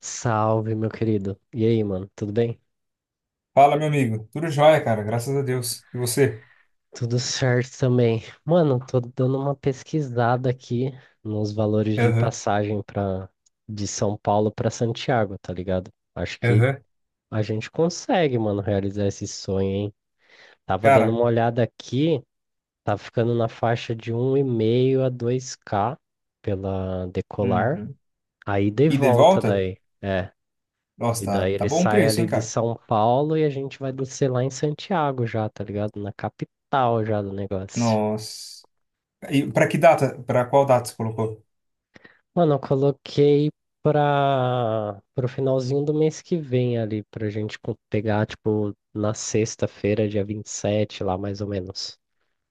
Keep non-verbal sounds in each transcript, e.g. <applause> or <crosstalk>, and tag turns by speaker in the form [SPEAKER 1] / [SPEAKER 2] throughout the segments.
[SPEAKER 1] Salve, meu querido. E aí, mano? Tudo bem?
[SPEAKER 2] Fala, meu amigo. Tudo jóia, cara. Graças a Deus. E você?
[SPEAKER 1] Tudo certo também. Mano, tô dando uma pesquisada aqui nos valores de
[SPEAKER 2] Aham,
[SPEAKER 1] passagem para de São Paulo para Santiago, tá ligado? Acho que
[SPEAKER 2] aham.
[SPEAKER 1] a gente consegue, mano, realizar esse sonho, hein? Tava dando
[SPEAKER 2] Cara,
[SPEAKER 1] uma olhada aqui, tá ficando na faixa de um e meio a dois k pela Decolar.
[SPEAKER 2] uhum.
[SPEAKER 1] Aí de
[SPEAKER 2] Ida e de
[SPEAKER 1] volta
[SPEAKER 2] volta?
[SPEAKER 1] daí. É.
[SPEAKER 2] Nossa,
[SPEAKER 1] E
[SPEAKER 2] tá,
[SPEAKER 1] daí
[SPEAKER 2] tá
[SPEAKER 1] ele
[SPEAKER 2] bom o
[SPEAKER 1] sai
[SPEAKER 2] preço,
[SPEAKER 1] ali
[SPEAKER 2] hein,
[SPEAKER 1] de
[SPEAKER 2] cara?
[SPEAKER 1] São Paulo e a gente vai descer lá em Santiago já, tá ligado? Na capital já do negócio.
[SPEAKER 2] Nossa. E pra que data? Pra qual data você colocou?
[SPEAKER 1] Mano, eu coloquei para pro finalzinho do mês que vem ali, pra gente pegar, tipo, na sexta-feira, dia 27 lá mais ou menos.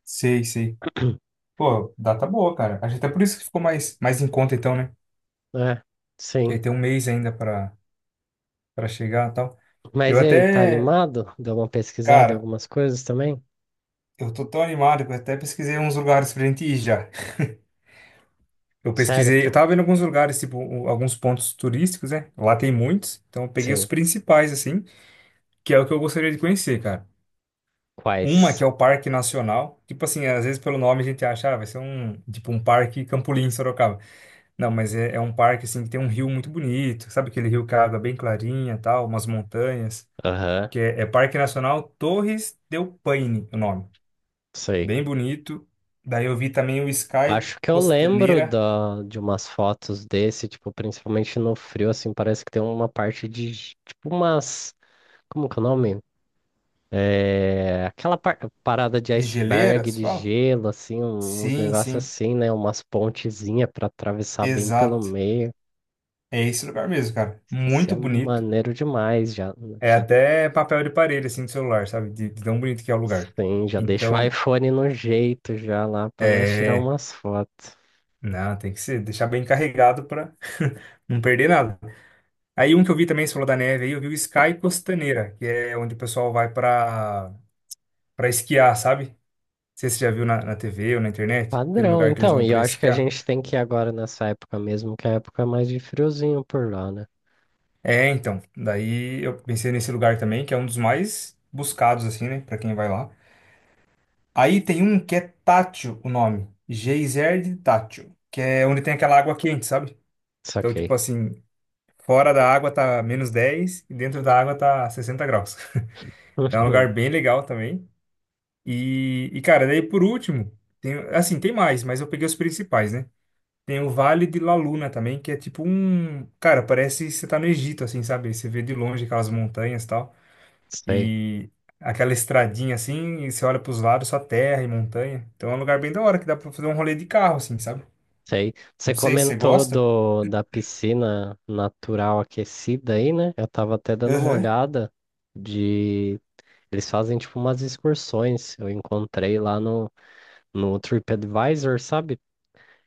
[SPEAKER 2] Sei, sei.
[SPEAKER 1] <clears throat>
[SPEAKER 2] Pô, data boa, cara. Acho até por isso que ficou mais em conta, então, né?
[SPEAKER 1] É,
[SPEAKER 2] Que
[SPEAKER 1] sim.
[SPEAKER 2] aí tem um mês ainda pra chegar e tal. Eu
[SPEAKER 1] Mas e aí, tá
[SPEAKER 2] até,
[SPEAKER 1] animado? Deu uma pesquisada em
[SPEAKER 2] cara,
[SPEAKER 1] algumas coisas também?
[SPEAKER 2] eu tô tão animado que eu até pesquisei uns lugares pra gente ir já. Eu
[SPEAKER 1] Sério?
[SPEAKER 2] pesquisei, eu tava vendo alguns lugares, tipo, alguns pontos turísticos, né? Lá tem muitos, então eu peguei os
[SPEAKER 1] Sim.
[SPEAKER 2] principais, assim, que é o que eu gostaria de conhecer, cara. Uma que
[SPEAKER 1] Quais?
[SPEAKER 2] é o Parque Nacional, tipo assim, às vezes pelo nome a gente acha, ah, vai ser um, tipo, um parque Campolim, Sorocaba. Não, mas é um parque, assim, que tem um rio muito bonito, sabe aquele rio com a água é bem clarinha, tal, umas montanhas,
[SPEAKER 1] Aham,
[SPEAKER 2] que é Parque Nacional Torres del Paine, o nome.
[SPEAKER 1] sei.
[SPEAKER 2] Bem bonito. Daí eu vi também o Sky
[SPEAKER 1] Acho que eu lembro
[SPEAKER 2] Costaneira
[SPEAKER 1] da, de umas fotos desse, tipo, principalmente no frio, assim, parece que tem uma parte de, tipo, umas, como que é o nome? É, aquela parada de
[SPEAKER 2] de
[SPEAKER 1] iceberg,
[SPEAKER 2] Geleiras,
[SPEAKER 1] de
[SPEAKER 2] fala?
[SPEAKER 1] gelo, assim, uns
[SPEAKER 2] Sim,
[SPEAKER 1] negócios
[SPEAKER 2] sim.
[SPEAKER 1] assim, né? Umas pontezinhas pra atravessar bem pelo
[SPEAKER 2] Exato.
[SPEAKER 1] meio.
[SPEAKER 2] É esse lugar mesmo, cara.
[SPEAKER 1] Isso é
[SPEAKER 2] Muito bonito.
[SPEAKER 1] maneiro demais. Já,
[SPEAKER 2] É
[SPEAKER 1] já,
[SPEAKER 2] até papel de parede, assim, de celular, sabe? De tão bonito que é o lugar.
[SPEAKER 1] sim, já deixa o
[SPEAKER 2] Então,
[SPEAKER 1] iPhone no jeito já lá pra nós tirar
[SPEAKER 2] é.
[SPEAKER 1] umas fotos.
[SPEAKER 2] Não, tem que ser, deixar bem carregado pra <laughs> não perder nada. Aí um que eu vi também, você falou da neve aí, eu vi o Sky Costaneira, que é onde o pessoal vai pra esquiar, sabe? Não sei se você já viu na TV ou na internet, aquele
[SPEAKER 1] Padrão,
[SPEAKER 2] lugar que eles
[SPEAKER 1] então,
[SPEAKER 2] vão
[SPEAKER 1] e eu
[SPEAKER 2] pra
[SPEAKER 1] acho que a
[SPEAKER 2] esquiar.
[SPEAKER 1] gente tem que ir agora nessa época mesmo, que é a época é mais de friozinho por lá, né?
[SPEAKER 2] É, então, daí eu pensei nesse lugar também, que é um dos mais buscados, assim, né, pra quem vai lá. Aí tem um que é tátil, o nome. Geyser de tátil. Que é onde tem aquela água quente, sabe? Então, tipo
[SPEAKER 1] Saquei.
[SPEAKER 2] assim, fora da água tá -10 e dentro da água tá 60 graus. <laughs> Então é um
[SPEAKER 1] Uhum.
[SPEAKER 2] lugar bem legal também. E cara, daí por último, tem, assim, tem mais, mas eu peguei os principais, né? Tem o Vale de La Luna também, que é tipo um. Cara, parece que você tá no Egito, assim, sabe? Você vê de longe aquelas montanhas e tal.
[SPEAKER 1] <laughs> Sei,
[SPEAKER 2] E aquela estradinha assim, e você olha pros lados, só terra e montanha. Então é um lugar bem da hora que dá pra fazer um rolê de carro, assim, sabe?
[SPEAKER 1] sei. Você
[SPEAKER 2] Não sei se você
[SPEAKER 1] comentou
[SPEAKER 2] gosta.
[SPEAKER 1] do, da piscina natural aquecida aí, né? Eu tava até dando uma
[SPEAKER 2] Aham.
[SPEAKER 1] olhada de. Eles fazem tipo umas excursões. Eu encontrei lá no TripAdvisor, sabe?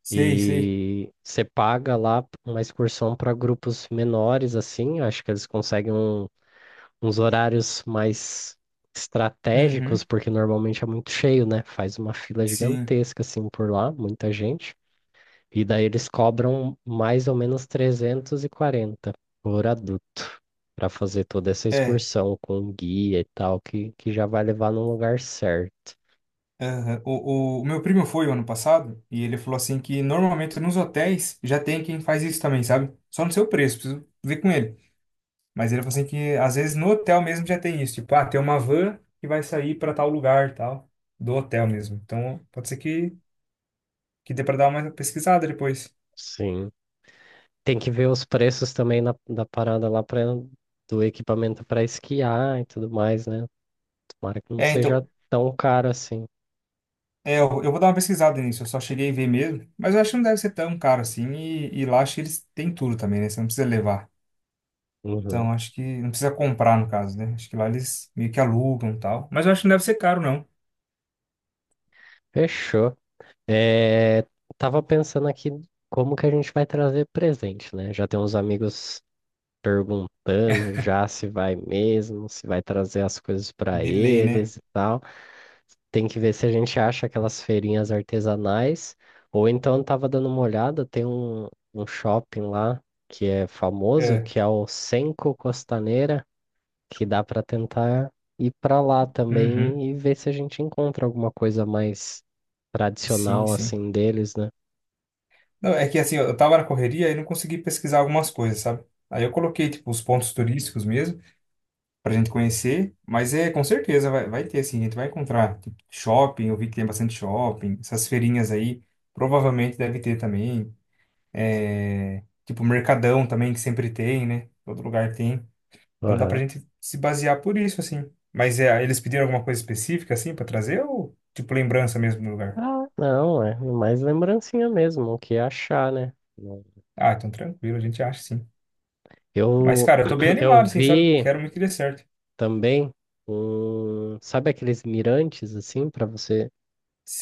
[SPEAKER 2] Sei, sei.
[SPEAKER 1] E você paga lá uma excursão para grupos menores, assim. Acho que eles conseguem uns horários mais estratégicos,
[SPEAKER 2] Uhum.
[SPEAKER 1] porque normalmente é muito cheio, né? Faz uma fila
[SPEAKER 2] Sim.
[SPEAKER 1] gigantesca assim por lá, muita gente. E daí eles cobram mais ou menos 340 por adulto para fazer toda essa
[SPEAKER 2] É.
[SPEAKER 1] excursão com guia e tal, que já vai levar no lugar certo.
[SPEAKER 2] Aham. O meu primo foi o ano passado e ele falou assim que normalmente nos hotéis já tem quem faz isso também, sabe? Só no seu preço, preciso ver com ele. Mas ele falou assim que às vezes no hotel mesmo já tem isso, tipo, ah, tem uma van que vai sair para tal lugar, e tal, do hotel mesmo. Então pode ser que dê para dar uma pesquisada depois.
[SPEAKER 1] Sim. Tem que ver os preços também da parada lá pra, do equipamento para esquiar e tudo mais, né? Tomara que não
[SPEAKER 2] É,
[SPEAKER 1] seja
[SPEAKER 2] então,
[SPEAKER 1] tão caro assim.
[SPEAKER 2] é, eu vou dar uma pesquisada nisso, eu só cheguei a ver mesmo, mas eu acho que não deve ser tão caro assim, e lá acho que eles têm tudo também, né? Você não precisa levar.
[SPEAKER 1] Uhum.
[SPEAKER 2] Então, acho que não precisa comprar, no caso, né? Acho que lá eles meio que alugam e tal. Mas eu acho que não deve ser caro, não.
[SPEAKER 1] Fechou. É, tava pensando aqui como que a gente vai trazer presente, né? Já tem uns amigos perguntando já se vai mesmo, se vai trazer as coisas para
[SPEAKER 2] De lei, né?
[SPEAKER 1] eles e tal. Tem que ver se a gente acha aquelas feirinhas artesanais. Ou então eu tava dando uma olhada, tem um shopping lá que é famoso,
[SPEAKER 2] É.
[SPEAKER 1] que é o Senco Costaneira, que dá para tentar ir para lá
[SPEAKER 2] Uhum.
[SPEAKER 1] também e ver se a gente encontra alguma coisa mais
[SPEAKER 2] Sim,
[SPEAKER 1] tradicional
[SPEAKER 2] sim.
[SPEAKER 1] assim deles, né?
[SPEAKER 2] Não, é que assim, eu tava na correria e não consegui pesquisar algumas coisas, sabe? Aí eu coloquei, tipo, os pontos turísticos mesmo, pra gente conhecer, mas é com certeza vai ter, assim, a gente vai encontrar tipo, shopping, eu vi que tem bastante shopping, essas feirinhas aí, provavelmente deve ter também, é, tipo mercadão também, que sempre tem, né? Todo lugar tem. Então dá pra
[SPEAKER 1] Aham.
[SPEAKER 2] gente se basear por isso, assim. Mas é, eles pediram alguma coisa específica, assim, pra trazer ou, tipo, lembrança mesmo do lugar?
[SPEAKER 1] Ah, não, é mais lembrancinha mesmo, o que achar, né? Não.
[SPEAKER 2] Ah, então tranquilo, a gente acha, sim. Mas,
[SPEAKER 1] Eu,
[SPEAKER 2] cara, eu tô bem
[SPEAKER 1] <clears throat> eu
[SPEAKER 2] animado, assim, sabe?
[SPEAKER 1] vi
[SPEAKER 2] Quero muito que dê certo.
[SPEAKER 1] também um, sabe aqueles mirantes assim, para você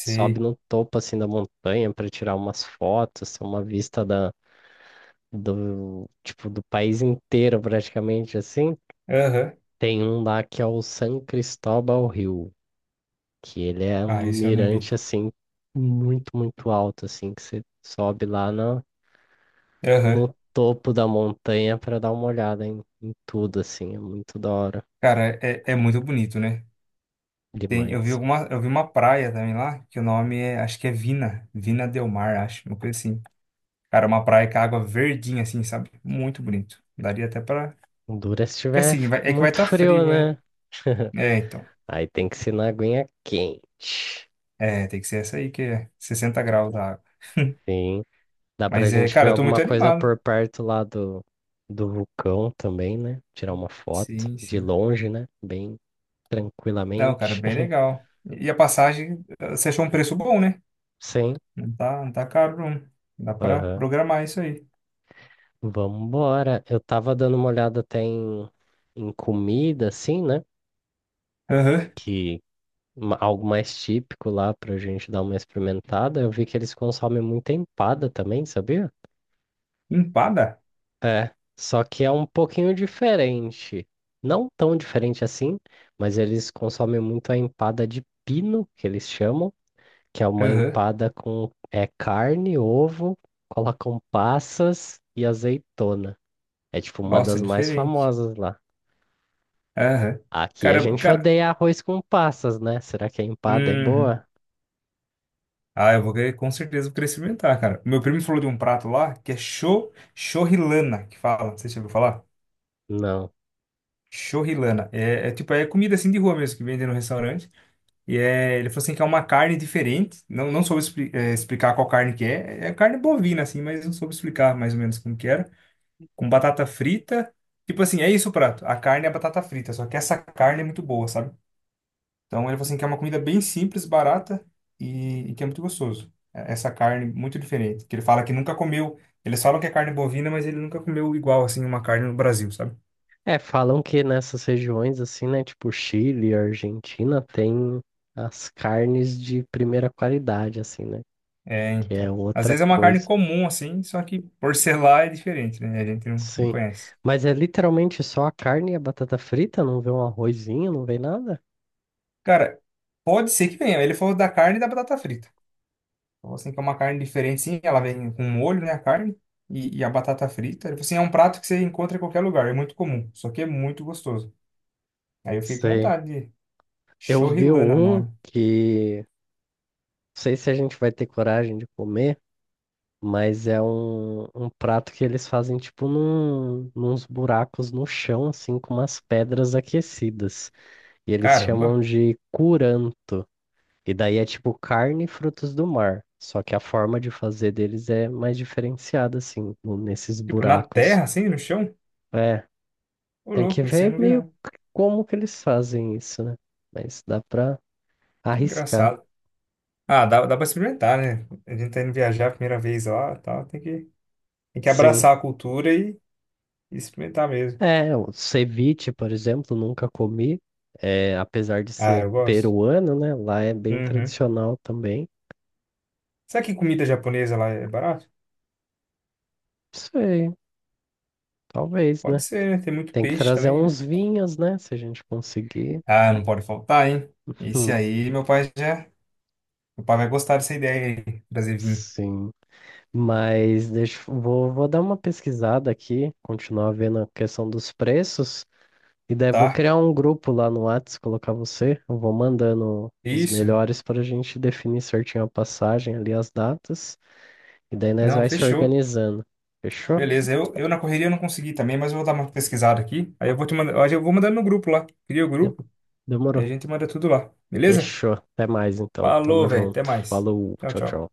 [SPEAKER 1] sobe no topo assim da montanha para tirar umas fotos, ter uma vista do, tipo, do país inteiro praticamente assim.
[SPEAKER 2] Aham.
[SPEAKER 1] Tem um lá que é o San Cristóbal Hill, que ele é um
[SPEAKER 2] Ah, esse eu não vi.
[SPEAKER 1] mirante assim muito, muito alto assim, que você sobe lá
[SPEAKER 2] Aham.
[SPEAKER 1] no topo da montanha pra dar uma olhada em tudo, assim. É muito da hora
[SPEAKER 2] Cara, é muito bonito, né? Tem, eu vi
[SPEAKER 1] demais.
[SPEAKER 2] alguma, eu vi uma praia também lá, que o nome é, acho que é Vina Del Mar, acho, uma coisa assim. Cara, uma praia com a água verdinha assim, sabe? Muito bonito. Daria até pra.
[SPEAKER 1] O Dura é se
[SPEAKER 2] Porque
[SPEAKER 1] tiver
[SPEAKER 2] assim, é que vai
[SPEAKER 1] muito
[SPEAKER 2] estar
[SPEAKER 1] frio,
[SPEAKER 2] frio, né?
[SPEAKER 1] né?
[SPEAKER 2] É, então.
[SPEAKER 1] Aí tem que ser na aguinha quente.
[SPEAKER 2] É, tem que ser essa aí que é 60 graus da água.
[SPEAKER 1] Sim. Dá pra
[SPEAKER 2] Mas é,
[SPEAKER 1] gente ver
[SPEAKER 2] cara, eu tô
[SPEAKER 1] alguma
[SPEAKER 2] muito
[SPEAKER 1] coisa
[SPEAKER 2] animado.
[SPEAKER 1] por perto lá do vulcão também, né? Tirar uma foto
[SPEAKER 2] Sim,
[SPEAKER 1] de
[SPEAKER 2] sim.
[SPEAKER 1] longe, né? Bem
[SPEAKER 2] Não, cara,
[SPEAKER 1] tranquilamente.
[SPEAKER 2] bem
[SPEAKER 1] <laughs>
[SPEAKER 2] legal. E a passagem, você achou um preço bom, né?
[SPEAKER 1] Sim.
[SPEAKER 2] Não tá, não tá caro, não. Dá pra
[SPEAKER 1] Aham.
[SPEAKER 2] programar isso aí.
[SPEAKER 1] Vambora. Eu tava dando uma olhada até em comida, assim, né?
[SPEAKER 2] Aham.
[SPEAKER 1] Que, algo mais típico lá pra gente dar uma experimentada. Eu vi que eles consomem muita empada também, sabia?
[SPEAKER 2] Empada?
[SPEAKER 1] É, só que é um pouquinho diferente. Não tão diferente assim, mas eles consomem muito a empada de pino, que eles chamam, que é uma
[SPEAKER 2] Aham.
[SPEAKER 1] empada com é carne, ovo, colocam passas e azeitona. É tipo uma
[SPEAKER 2] Nossa,
[SPEAKER 1] das mais
[SPEAKER 2] diferente.
[SPEAKER 1] famosas lá.
[SPEAKER 2] Aham.
[SPEAKER 1] Aqui a
[SPEAKER 2] Cara,
[SPEAKER 1] gente
[SPEAKER 2] cara,
[SPEAKER 1] odeia arroz com passas, né? Será que a empada é
[SPEAKER 2] uhum.
[SPEAKER 1] boa?
[SPEAKER 2] Ah, eu vou querer, com certeza, vou querer experimentar, cara. Meu primo falou de um prato lá que é chorrilana, que fala. Não sei se você já ouviu falar?
[SPEAKER 1] Não.
[SPEAKER 2] Chorrilana. É tipo, é comida assim de rua mesmo, que vende no restaurante. E é, ele falou assim que é uma carne diferente. Não, não soube explicar qual carne que é. É carne bovina, assim, mas não soube explicar mais ou menos como que era. Com batata frita. Tipo assim, é isso o prato. A carne é batata frita, só que essa carne é muito boa, sabe? Então ele falou assim que é uma comida bem simples, barata e que é muito gostoso. Essa carne muito diferente. Que ele fala que nunca comeu. Eles falam que é carne bovina, mas ele nunca comeu igual assim uma carne no Brasil, sabe?
[SPEAKER 1] É, falam que nessas regiões, assim, né, tipo Chile, e Argentina, tem as carnes de primeira qualidade, assim, né,
[SPEAKER 2] É,
[SPEAKER 1] que é
[SPEAKER 2] então. Às
[SPEAKER 1] outra
[SPEAKER 2] vezes é uma carne
[SPEAKER 1] coisa.
[SPEAKER 2] comum assim, só que por ser lá é diferente, né? A gente não, não
[SPEAKER 1] Sim,
[SPEAKER 2] conhece.
[SPEAKER 1] mas é literalmente só a carne e a batata frita, não vê um arrozinho, não vê nada?
[SPEAKER 2] Cara, pode ser que venha. Ele falou da carne e da batata frita. Falou assim que é uma carne diferente, sim. Ela vem com molho, né? A carne e a batata frita. Ele falou assim, é um prato que você encontra em qualquer lugar. É muito comum, só que é muito gostoso. Aí eu fiquei com
[SPEAKER 1] Sei.
[SPEAKER 2] vontade.
[SPEAKER 1] Eu vi
[SPEAKER 2] Chorrilana é o
[SPEAKER 1] um
[SPEAKER 2] nome.
[SPEAKER 1] que, não sei se a gente vai ter coragem de comer, mas é um prato que eles fazem, tipo, nos buracos no chão, assim, com umas pedras aquecidas. E eles
[SPEAKER 2] Caramba.
[SPEAKER 1] chamam de curanto. E daí é tipo carne e frutos do mar. Só que a forma de fazer deles é mais diferenciada, assim, nesses
[SPEAKER 2] Tipo, na
[SPEAKER 1] buracos.
[SPEAKER 2] terra, assim, no chão?
[SPEAKER 1] É,
[SPEAKER 2] Ô,
[SPEAKER 1] tem que
[SPEAKER 2] louco, esse eu
[SPEAKER 1] ver
[SPEAKER 2] não vi,
[SPEAKER 1] meio
[SPEAKER 2] não.
[SPEAKER 1] como que eles fazem isso, né? Mas dá pra
[SPEAKER 2] Que
[SPEAKER 1] arriscar.
[SPEAKER 2] engraçado. Ah, dá pra experimentar, né? A gente tá indo viajar a primeira vez lá e tal. Tem que
[SPEAKER 1] Sim.
[SPEAKER 2] abraçar a cultura e experimentar mesmo.
[SPEAKER 1] É, o ceviche, por exemplo, nunca comi. É, apesar de
[SPEAKER 2] Ah,
[SPEAKER 1] ser
[SPEAKER 2] eu gosto.
[SPEAKER 1] peruano, né? Lá é bem
[SPEAKER 2] Uhum.
[SPEAKER 1] tradicional também.
[SPEAKER 2] Será que comida japonesa lá é barato?
[SPEAKER 1] Sei, talvez, né?
[SPEAKER 2] Pode ser, né? Tem muito
[SPEAKER 1] Tem que
[SPEAKER 2] peixe
[SPEAKER 1] trazer
[SPEAKER 2] também, né?
[SPEAKER 1] uns vinhos, né? Se a gente conseguir.
[SPEAKER 2] Ah, não pode faltar, hein? Esse
[SPEAKER 1] <laughs>
[SPEAKER 2] aí, meu pai já. Meu pai vai gostar dessa ideia aí. Trazer vinho,
[SPEAKER 1] Sim, mas deixa, vou, vou dar uma pesquisada aqui, continuar vendo a questão dos preços, e daí vou
[SPEAKER 2] tá?
[SPEAKER 1] criar um grupo lá no Whats, colocar você, eu vou mandando os
[SPEAKER 2] Isso.
[SPEAKER 1] melhores para a gente definir certinho a passagem ali, as datas, e daí nós
[SPEAKER 2] Não,
[SPEAKER 1] vai se
[SPEAKER 2] fechou.
[SPEAKER 1] organizando. Fechou? Hum.
[SPEAKER 2] Beleza, eu na correria não consegui também, mas eu vou dar uma pesquisada aqui. Aí eu vou te mandar, aí eu vou mandando no grupo lá. Cria o
[SPEAKER 1] De-
[SPEAKER 2] grupo e a
[SPEAKER 1] Demorou.
[SPEAKER 2] gente manda tudo lá. Beleza?
[SPEAKER 1] Fechou. Até mais então. Tamo
[SPEAKER 2] Falou, velho. Até
[SPEAKER 1] junto.
[SPEAKER 2] mais.
[SPEAKER 1] Falou.
[SPEAKER 2] Tchau,
[SPEAKER 1] Tchau,
[SPEAKER 2] tchau.
[SPEAKER 1] tchau.